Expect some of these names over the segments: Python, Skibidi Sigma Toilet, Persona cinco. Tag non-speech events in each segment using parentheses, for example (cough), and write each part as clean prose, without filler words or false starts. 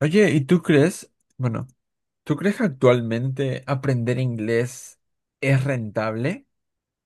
Oye, ¿y tú crees, bueno, tú crees que actualmente aprender inglés es rentable?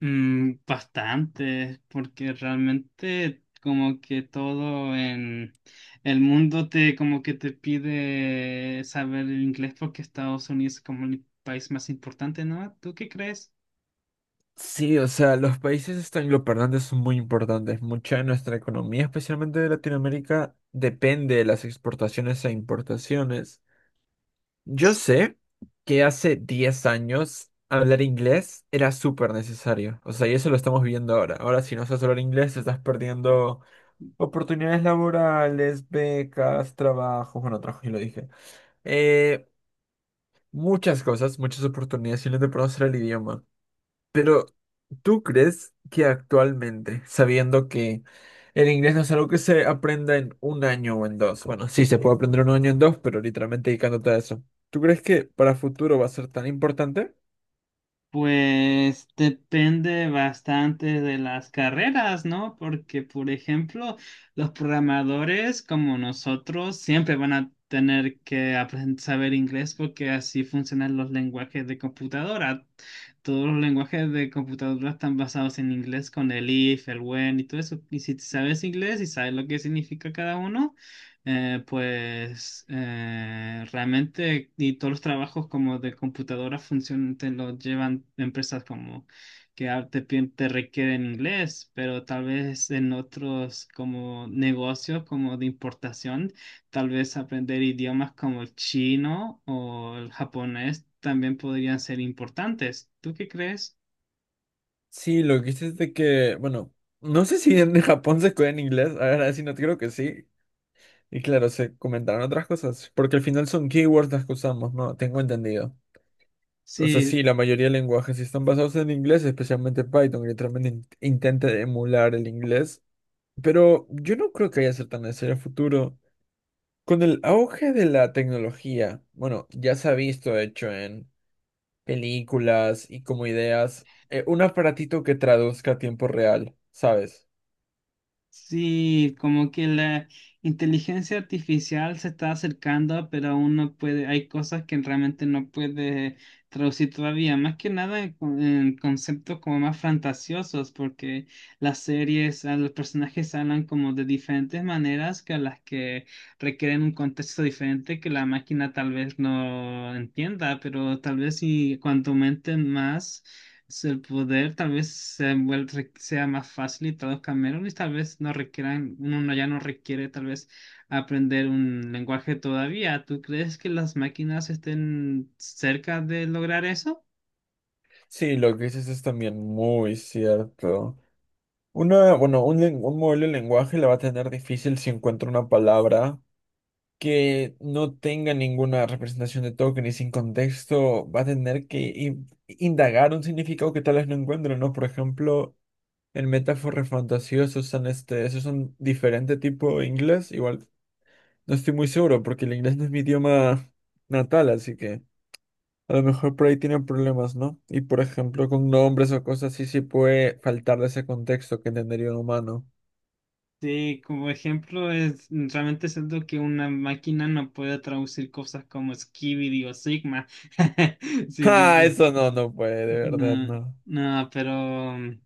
Bastante, porque realmente como que todo en el mundo te como que te pide saber el inglés porque Estados Unidos es como el país más importante, ¿no? ¿Tú qué crees? Sí, o sea, los países angloparlantes son muy importantes. Mucha de nuestra economía, especialmente de Latinoamérica, depende de las exportaciones e importaciones. Yo sé que hace 10 años hablar inglés era súper necesario. O sea, y eso lo estamos viendo ahora. Ahora, si no sabes hablar inglés, estás perdiendo oportunidades laborales, becas, trabajos, y lo dije. Eh, Muchas cosas, muchas oportunidades y no de conocer el idioma. Pero, ¿tú crees que actualmente, sabiendo que el inglés no es algo que se aprenda en un año o en dos, bueno, sí, se puede aprender en un año o en dos, pero literalmente dedicándote a eso, tú crees que para futuro va a ser tan importante? Pues depende bastante de las carreras, ¿no? Porque, por ejemplo, los programadores como nosotros siempre van a tener que aprender, saber inglés porque así funcionan los lenguajes de computadora. Todos los lenguajes de computadora están basados en inglés con el if, el when y todo eso. Y si sabes inglés y sabes lo que significa cada uno, pues realmente y todos los trabajos como de computadora funcionan, te lo llevan empresas como que te, te requieren inglés, pero tal vez en otros como negocios como de importación, tal vez aprender idiomas como el chino o el japonés también podrían ser importantes. ¿Tú qué crees? Sí, lo que dices de que, bueno, no sé si en (laughs) Japón se escuela en inglés, ahora sí, no creo que sí. Y claro, se comentarán otras cosas, porque al final son keywords las que usamos, ¿no? Tengo entendido. O sea, Sí, sí, la mayoría de lenguajes sí están basados en inglés, especialmente Python, que literalmente intenta emular el inglés. Pero yo no creo que vaya a ser tan necesario en el futuro. Con el auge de la tecnología, bueno, ya se ha visto, de hecho, en películas y como ideas, un aparatito que traduzca a tiempo real, ¿sabes? sí, como que la inteligencia artificial se está acercando, pero aún no puede, hay cosas que realmente no puede traducir todavía, más que nada en, en conceptos como más fantasiosos, porque las series, a los personajes hablan como de diferentes maneras que a las que requieren un contexto diferente que la máquina tal vez no entienda, pero tal vez si cuanto aumenten más, si el poder tal vez sea más fácil y traduzcan menos y tal vez no requieran, uno no- ya no requiere tal vez aprender un lenguaje todavía. ¿Tú crees que las máquinas estén cerca de lograr eso? Sí, lo que dices es también muy cierto. Una, bueno, un, len- un modelo de lenguaje la va a tener difícil si encuentra una palabra que no tenga ninguna representación de token y sin contexto va a tener que indagar un significado que tal vez no encuentre, ¿no? Por ejemplo, en metáforas fantasiosas usan esos son diferente tipo de inglés, igual no estoy muy seguro porque el inglés no es mi idioma natal, así que a lo mejor por ahí tienen problemas, ¿no? Y por ejemplo, con nombres o cosas así sí puede faltar de ese contexto que entendería un humano. Sí, como ejemplo, es realmente siento que una máquina no puede traducir cosas como Skibidi o Sigma. (laughs) (laughs) Sí, ¡Ja! digo. Eso no, no puede, de verdad, No, no. no, pero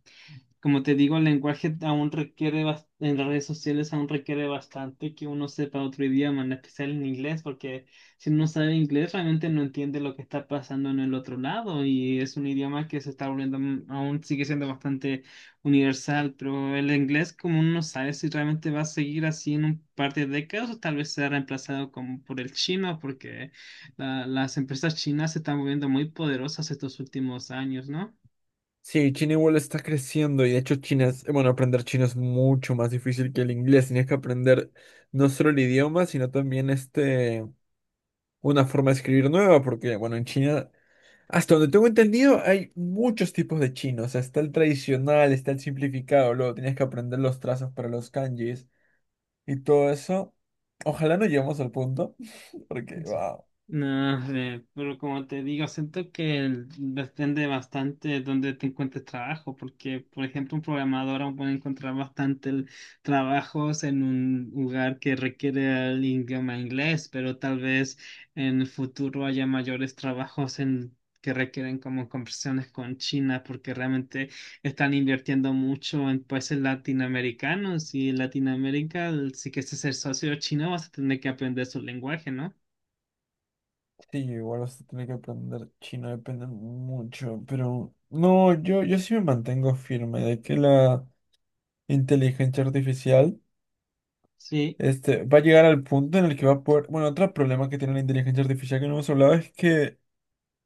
como te digo, el lenguaje aún requiere, en las redes sociales aún requiere bastante que uno sepa otro idioma, en especial en inglés, porque si uno sabe inglés realmente no entiende lo que está pasando en el otro lado y es un idioma que se está volviendo, aún sigue siendo bastante universal, pero el inglés, como uno no sabe si realmente va a seguir así en un par de décadas o tal vez sea reemplazado como por el chino, porque las empresas chinas se están volviendo muy poderosas estos últimos años, ¿no? Sí, China igual está creciendo y de hecho China es, bueno, aprender chino es mucho más difícil que el inglés. Tienes que aprender no solo el idioma, sino también este, una forma de escribir nueva, porque bueno, en China, hasta donde tengo entendido, hay muchos tipos de chino. O sea, está el tradicional, está el simplificado, luego tienes que aprender los trazos para los kanjis y todo eso. Ojalá no lleguemos al punto, (laughs) porque wow. No sé, pero como te digo, siento que depende bastante de dónde te encuentres trabajo, porque, por ejemplo, un programador aún puede encontrar bastante trabajos en un lugar que requiere el idioma inglés, pero tal vez en el futuro haya mayores trabajos en que requieren como conversaciones con China, porque realmente están invirtiendo mucho en países latinoamericanos y en Latinoamérica, si quieres ser socio chino, vas a tener que aprender su lenguaje, ¿no? Sí, igual vas a tener que aprender chino, depende mucho, pero no, yo sí me mantengo firme de que la inteligencia artificial Sí, va a llegar al punto en el que va a poder... Bueno, otro problema que tiene la inteligencia artificial que no hemos hablado es que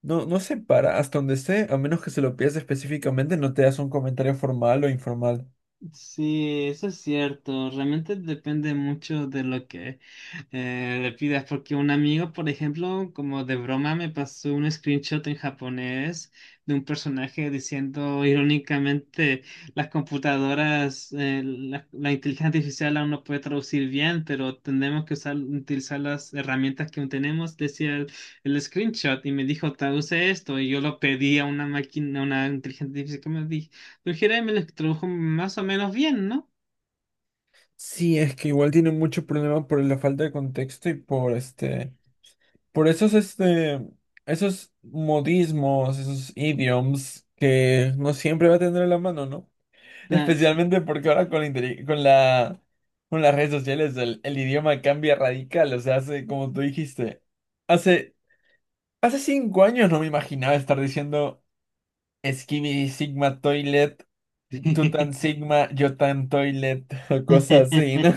no, no se para hasta donde esté, a menos que se lo pidas específicamente, no te das un comentario formal o informal. sí, eso es cierto. Realmente depende mucho de lo que le pidas, porque un amigo, por ejemplo, como de broma, me pasó un screenshot en japonés de un personaje diciendo irónicamente, las computadoras, la inteligencia artificial aún no puede traducir bien, pero tendremos que usar, utilizar las herramientas que aún tenemos, decía el screenshot, y me dijo, traduce esto, y yo lo pedí a una máquina, a una inteligencia artificial que me... Pero Jeremy lo extrajo más o menos bien, ¿no? Sí, es que igual tiene mucho problema por la falta de contexto y por esos modismos, esos idioms que no siempre va a tener a la mano, ¿no? (laughs) Claro. Especialmente porque ahora con la, inteli- con la, con las redes sociales el idioma cambia radical, o sea, hace, como tú dijiste, hace, hace 5 años no me imaginaba estar diciendo Skibidi Sigma Toilet, Tutan (laughs) Sigma, Yotan Toilet, (laughs) o cosas así, ¿no?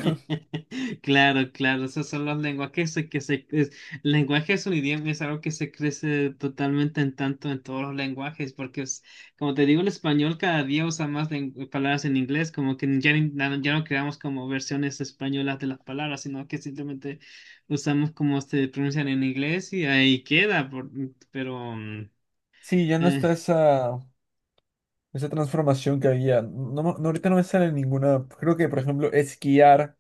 Claro, claro, esos son los lenguajes el lenguaje, es un idioma, es algo que se crece totalmente en tanto en todos los lenguajes, porque es, como te digo, el español cada día usa más palabras en inglés, como que ya, ya no creamos como versiones españolas de las palabras, sino que simplemente usamos como se pronuncian en inglés y ahí queda, pero Sí, ya no eh, está esa transformación que había. No, no, ahorita no me sale ninguna. Creo que, por ejemplo, esquiar,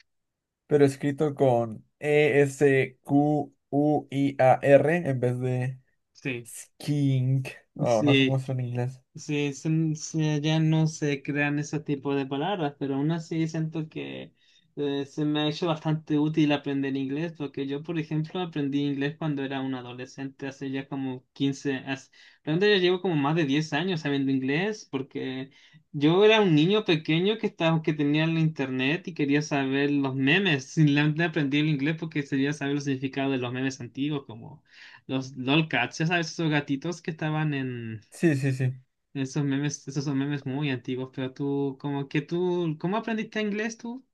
pero escrito con esquiar en vez de sí, skiing. No, no sé cómo sí. está en inglés. Sí, Ya no se crean ese tipo de palabras, pero aún así siento que se me ha hecho bastante útil aprender inglés, porque yo, por ejemplo, aprendí inglés cuando era un adolescente, hace ya como 15, realmente ya llevo como más de 10 años sabiendo inglés, porque yo era un niño pequeño que estaba, que tenía el internet y quería saber los memes. (laughs) Simplemente aprendí el inglés porque quería saber el significado de los memes antiguos, como los lolcats, ya sabes, esos gatitos que estaban en... Sí, sí, sí. Esos memes, esos son memes muy antiguos, pero tú, como que tú, ¿cómo aprendiste inglés tú?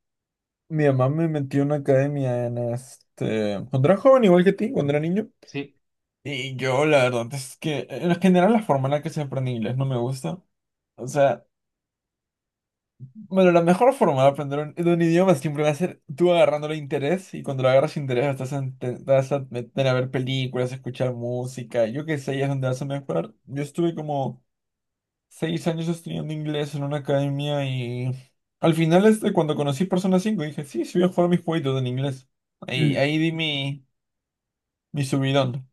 Mi mamá me metió en una academia en este. Cuando era joven, igual que ti, cuando era niño. Sí. Y yo, la verdad es que en general la forma en la que se aprende inglés no me gusta. O sea. Bueno, la mejor forma de aprender de un idioma siempre va a ser tú agarrándole interés y cuando le agarras interés estás te vas a meter a ver películas, a escuchar música, yo qué sé, ahí es donde vas a mejorar. Yo estuve como 6 años estudiando inglés en una academia y al final cuando conocí Persona 5 dije, sí, sí voy a jugar mis jueguitos en inglés. Ahí di mi subidón.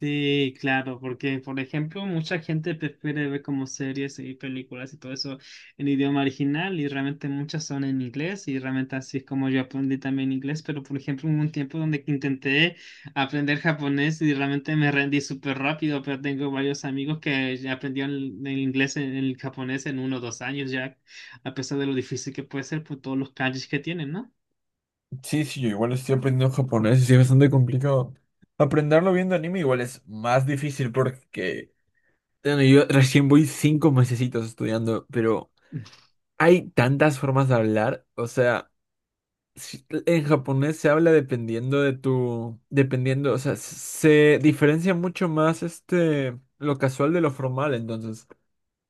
Sí, claro, porque, por ejemplo, mucha gente prefiere ver como series y películas y todo eso en idioma original y realmente muchas son en inglés y realmente así es como yo aprendí también inglés, pero, por ejemplo, hubo un tiempo donde que intenté aprender japonés y realmente me rendí súper rápido, pero tengo varios amigos que ya aprendieron el inglés, en el japonés, en 1 o 2 años ya, a pesar de lo difícil que puede ser por todos los kanjis que tienen, ¿no? Sí, sí, yo igual estoy aprendiendo japonés y sí, es bastante complicado. Aprenderlo viendo anime igual es más difícil porque bueno, yo recién voy 5 mesecitos estudiando, pero hay tantas formas de hablar. O sea, en japonés se habla dependiendo, o sea, se diferencia mucho más lo casual de lo formal. Entonces,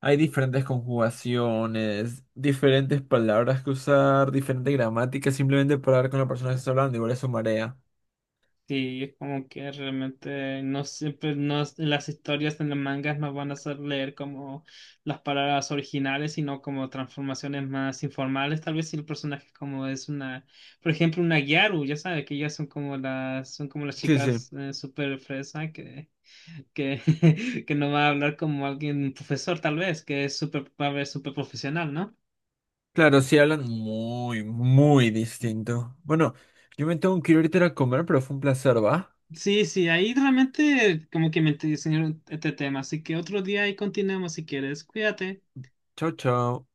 hay diferentes conjugaciones, diferentes palabras que usar, diferente gramática, simplemente para hablar con la persona que está hablando. Igual eso marea. Sí, es como que realmente no siempre no, las historias en los mangas no van a hacer leer como las palabras originales, sino como transformaciones más informales. Tal vez si el personaje como es una, por ejemplo, una Gyaru, ya sabes que ellas son como las Sí, sí. chicas súper fresa que, (laughs) que no va a hablar como alguien un profesor, tal vez, que es súper, va a ver súper profesional, ¿no? Claro, sí hablan muy, muy distinto. Bueno, yo me tengo que ir ahorita a comer, pero fue un placer, ¿va? Sí, sí, ahí realmente como que me enseñaron este tema, así que otro día ahí continuamos si quieres, cuídate. Chao, chao.